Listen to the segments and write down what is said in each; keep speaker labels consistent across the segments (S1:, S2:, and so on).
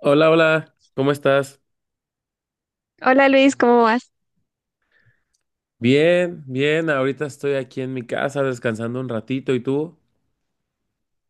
S1: Hola, hola, ¿cómo estás?
S2: Hola Luis, ¿cómo vas?
S1: Bien, bien, ahorita estoy aquí en mi casa descansando un ratito, ¿y tú?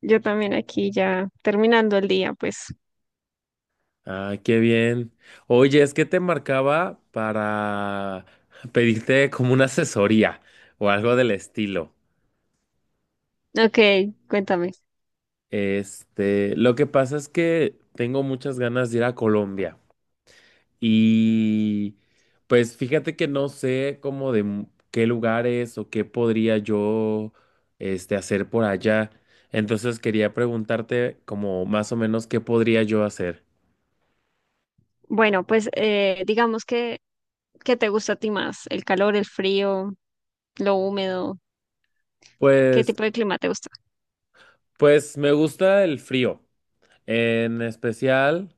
S2: Yo también aquí ya terminando el día, pues.
S1: Ah, qué bien. Oye, es que te marcaba para pedirte como una asesoría o algo del estilo.
S2: Ok, cuéntame.
S1: Este, lo que pasa es que tengo muchas ganas de ir a Colombia. Y pues fíjate que no sé cómo qué lugares o qué podría yo este hacer por allá. Entonces quería preguntarte como más o menos qué podría yo hacer.
S2: Bueno, pues digamos que, ¿qué te gusta a ti más? ¿El calor, el frío, lo húmedo? ¿Qué
S1: Pues
S2: tipo de clima te gusta?
S1: pues me gusta el frío. En especial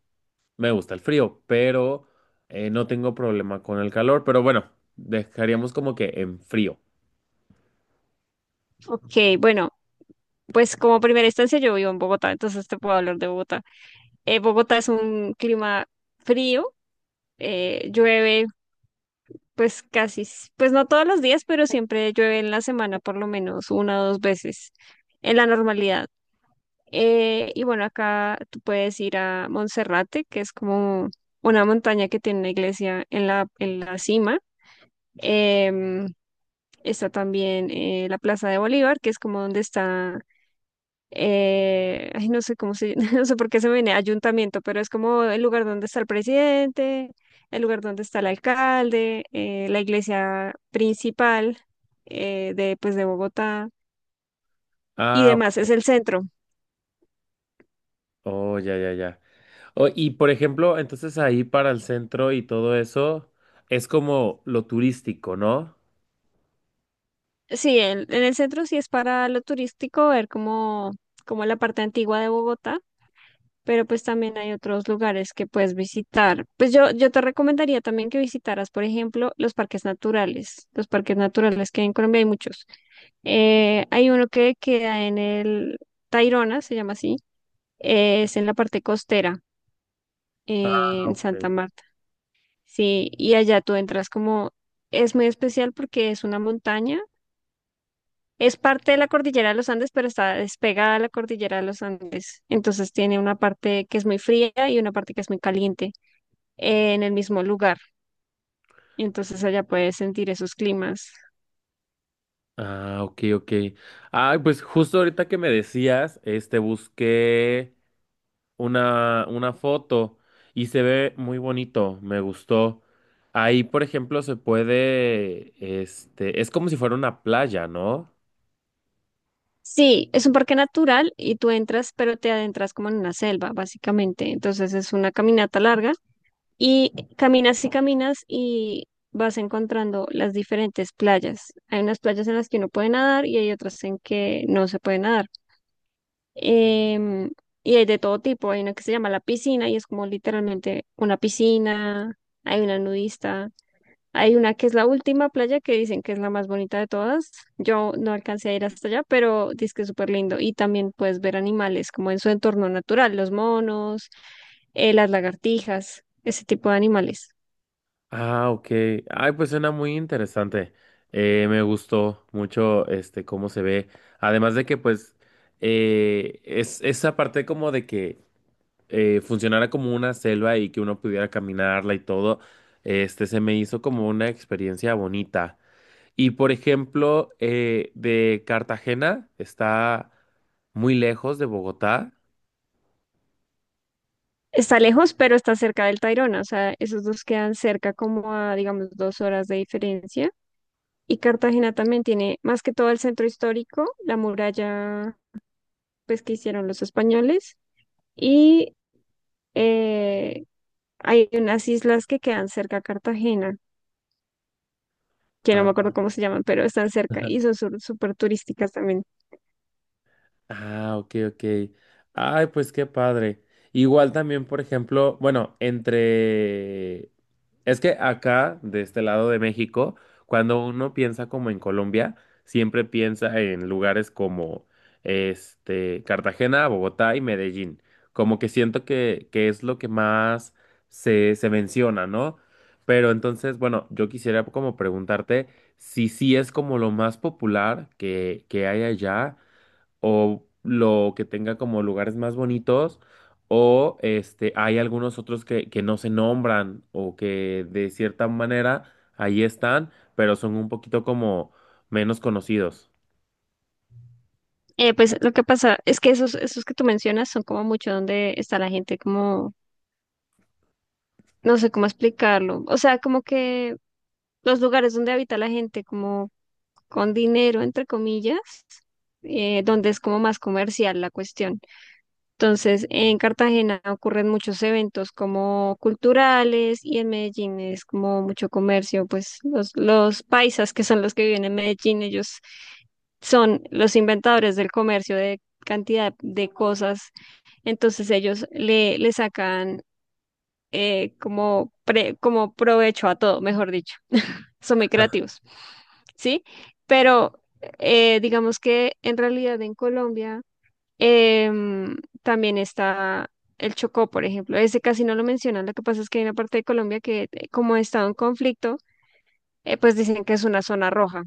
S1: me gusta el frío, pero no tengo problema con el calor, pero bueno, dejaríamos como que en frío.
S2: Ok, bueno, pues como primera instancia yo vivo en Bogotá, entonces te puedo hablar de Bogotá. Bogotá es un clima frío, llueve pues casi, pues no todos los días, pero siempre llueve en la semana por lo menos una o dos veces en la normalidad. Y bueno, acá tú puedes ir a Monserrate, que es como una montaña que tiene una iglesia en en la cima. Em, está también la Plaza de Bolívar, que es como donde está, ay, no sé cómo se, no sé por qué se me viene ayuntamiento, pero es como el lugar donde está el presidente, el lugar donde está el alcalde, la iglesia principal de, pues, de Bogotá y
S1: Ah,
S2: demás. Es el centro.
S1: oh, ya, ya, ya. Oh, y por ejemplo, entonces ahí para el centro y todo eso es como lo turístico, ¿no?
S2: Sí, en el centro sí es para lo turístico, ver como, como la parte antigua de Bogotá, pero pues también hay otros lugares que puedes visitar. Pues yo te recomendaría también que visitaras, por ejemplo, los parques naturales. Los parques naturales que hay en Colombia hay muchos. Hay uno que queda en el Tayrona, se llama así, es en la parte costera,
S1: Ah,
S2: en
S1: ok.
S2: Santa Marta. Sí, y allá tú entras como, es muy especial porque es una montaña. Es parte de la cordillera de los Andes, pero está despegada a la cordillera de los Andes. Entonces tiene una parte que es muy fría y una parte que es muy caliente en el mismo lugar. Entonces allá puedes sentir esos climas.
S1: Ah, ok, ok. Ay, pues justo ahorita que me decías, este, busqué una foto y se ve muy bonito, me gustó. Ahí, por ejemplo, se puede, este, es como si fuera una playa, ¿no?
S2: Sí, es un parque natural y tú entras, pero te adentras como en una selva, básicamente. Entonces es una caminata larga y caminas y caminas y vas encontrando las diferentes playas. Hay unas playas en las que uno puede nadar y hay otras en que no se puede nadar. em, y hay de todo tipo. Hay una que se llama La Piscina y es como literalmente una piscina. Hay una nudista. Hay una que es la última playa que dicen que es la más bonita de todas. Yo no alcancé a ir hasta allá, pero dice que es súper lindo. Y también puedes ver animales como en su entorno natural, los monos, las lagartijas, ese tipo de animales.
S1: Ah, ok. Ay, pues suena muy interesante. Me gustó mucho, este, cómo se ve. Además de que, pues, es esa parte como de que funcionara como una selva y que uno pudiera caminarla y todo, este, se me hizo como una experiencia bonita. Y por ejemplo, de Cartagena está muy lejos de Bogotá.
S2: Está lejos, pero está cerca del Tayrona. O sea, esos dos quedan cerca como a, digamos, dos horas de diferencia. Y Cartagena también tiene más que todo el centro histórico, la muralla pues que hicieron los españoles y eh, hay unas islas que quedan cerca a Cartagena, que no me acuerdo cómo se llaman, pero están cerca y son súper turísticas también.
S1: Ah, ok, ok. Ay, pues qué padre. Igual también, por ejemplo, bueno, entre... Es que acá, de este lado de México, cuando uno piensa como en Colombia, siempre piensa en lugares como, este, Cartagena, Bogotá y Medellín. Como que siento que es lo que más se menciona, ¿no? Pero entonces, bueno, yo quisiera como preguntarte si sí es como lo más popular que hay allá o lo que tenga como lugares más bonitos, o este, hay algunos otros que no se nombran o que de cierta manera ahí están, pero son un poquito como menos conocidos.
S2: Pues lo que pasa es que esos que tú mencionas son como mucho donde está la gente, como no sé cómo explicarlo, o sea, como que los lugares donde habita la gente como con dinero, entre comillas, donde es como más comercial la cuestión. Entonces, en Cartagena ocurren muchos eventos como culturales y en Medellín es como mucho comercio, pues los paisas que son los que viven en Medellín, ellos son los inventadores del comercio de cantidad de cosas, entonces ellos le sacan como, como provecho a todo, mejor dicho, son muy creativos, ¿sí? Pero digamos que en realidad en Colombia Em, también está el Chocó, por ejemplo. Ese casi no lo mencionan. Lo que pasa es que hay una parte de Colombia que, como ha estado en conflicto, pues dicen que es una zona roja,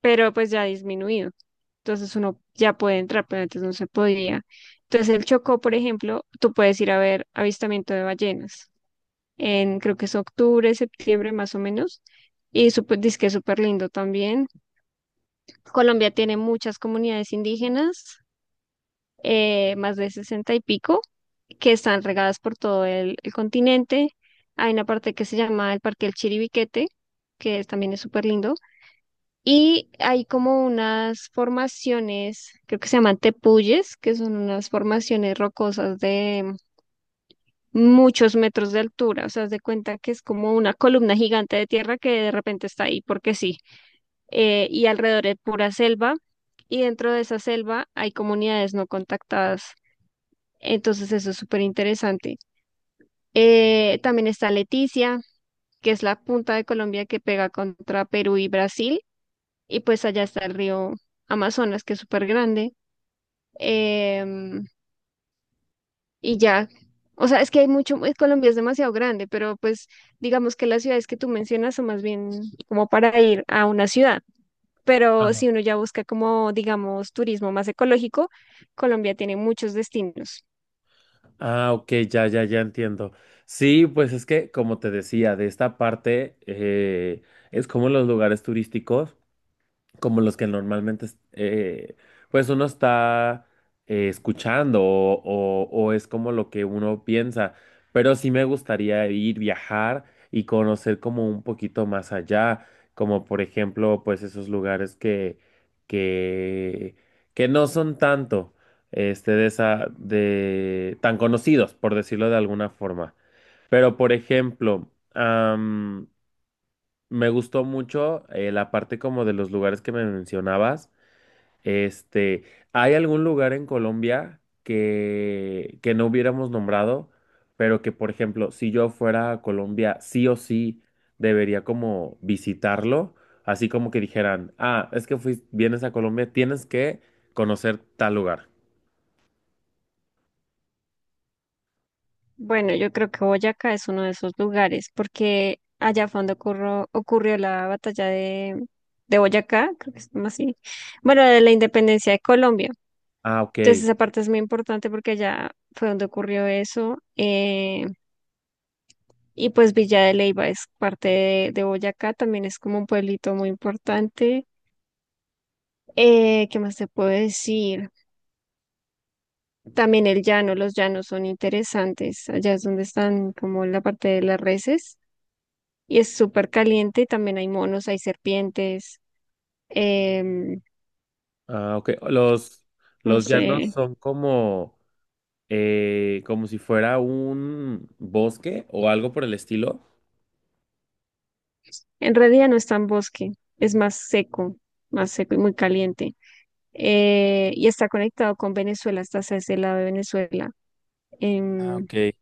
S2: pero pues ya ha disminuido. Entonces uno ya puede entrar, pero antes no se podía. Entonces el Chocó, por ejemplo, tú puedes ir a ver avistamiento de ballenas. En, creo que es octubre, septiembre más o menos. Y súper, que es súper lindo también. Colombia tiene muchas comunidades indígenas, más de sesenta y pico, que están regadas por todo el continente. Hay una parte que se llama el Parque del Chiribiquete, también es súper lindo. Y hay como unas formaciones, creo que se llaman tepuyes, que son unas formaciones rocosas de muchos metros de altura. O sea, haz de cuenta que es como una columna gigante de tierra que de repente está ahí, porque sí. Y alrededor es pura selva. Y dentro de esa selva hay comunidades no contactadas. Entonces eso es súper interesante. También está Leticia, que es la punta de Colombia que pega contra Perú y Brasil. Y pues allá está el río Amazonas, que es súper grande. Em, y ya, o sea, es que hay mucho, Colombia es demasiado grande, pero pues digamos que las ciudades que tú mencionas son más bien como para ir a una ciudad. Pero si uno ya busca como, digamos, turismo más ecológico, Colombia tiene muchos destinos.
S1: Ah, ok, ya, ya, ya entiendo. Sí, pues es que, como te decía, de esta parte es como los lugares turísticos, como los que normalmente, eh, pues uno está escuchando o es como lo que uno piensa, pero sí me gustaría ir, viajar y conocer como un poquito más allá, como por ejemplo, pues esos lugares que, que no son tanto, este, de esa, de, tan conocidos, por decirlo de alguna forma. Pero por ejemplo, me gustó mucho la parte como de los lugares que me mencionabas. Este, ¿hay algún lugar en Colombia que no hubiéramos nombrado, pero que, por ejemplo, si yo fuera a Colombia, sí o sí debería como visitarlo? Así como que dijeran, ah, es que vienes a Colombia, tienes que conocer tal lugar.
S2: Bueno, yo creo que Boyacá es uno de esos lugares, porque allá fue donde ocurrió la batalla de Boyacá, creo que es como así, bueno, de la independencia de Colombia.
S1: Ah, ok.
S2: Entonces esa parte es muy importante porque allá fue donde ocurrió eso. Y pues Villa de Leyva es parte de Boyacá, también es como un pueblito muy importante. ¿Qué más te puedo decir? También el llano, los llanos son interesantes. Allá es donde están como la parte de las reses. Y es súper caliente y también hay monos, hay serpientes, em,
S1: Ah, ok.
S2: no
S1: Los llanos
S2: sé,
S1: son como... como si fuera un bosque o algo por el estilo.
S2: en realidad no es tan bosque, es más seco y muy caliente. Y está conectado con Venezuela, está hacia ese lado de Venezuela.
S1: Ah,
S2: Em,
S1: ok.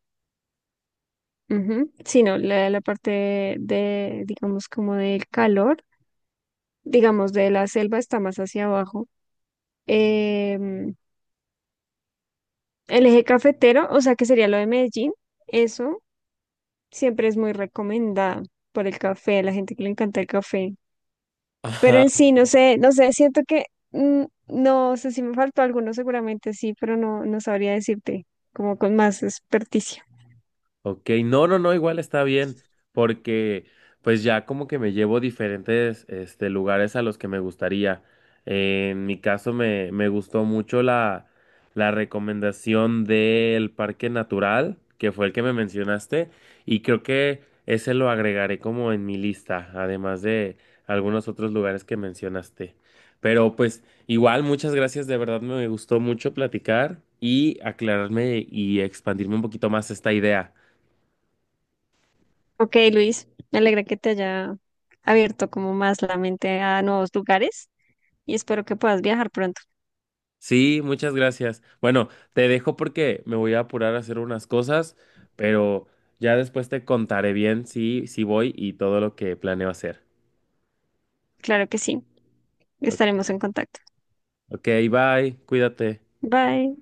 S2: ujú. Sí, no, la parte de, digamos, como del calor, digamos, de la selva está más hacia abajo. Em, el eje cafetero, o sea, que sería lo de Medellín, eso, siempre es muy recomendada por el café, la gente que le encanta el café. Pero
S1: Ajá.
S2: en sí, no sé, no sé, siento que no sé si me faltó alguno, seguramente sí, pero no, no sabría decirte como con más experticia.
S1: Ok, no, no, no, igual está bien, porque pues ya como que me llevo diferentes este, lugares a los que me gustaría. En mi caso me gustó mucho la recomendación del Parque Natural, que fue el que me mencionaste, y creo que ese lo agregaré como en mi lista, además de algunos otros lugares que mencionaste. Pero pues igual, muchas gracias, de verdad me gustó mucho platicar y aclararme y expandirme un poquito más esta idea.
S2: Ok, Luis, me alegra que te haya abierto como más la mente a nuevos lugares y espero que puedas viajar pronto.
S1: Sí, muchas gracias. Bueno, te dejo porque me voy a apurar a hacer unas cosas, pero ya después te contaré bien si, si voy y todo lo que planeo hacer.
S2: Claro que sí, estaremos en contacto.
S1: Ok, bye, cuídate.
S2: Bye.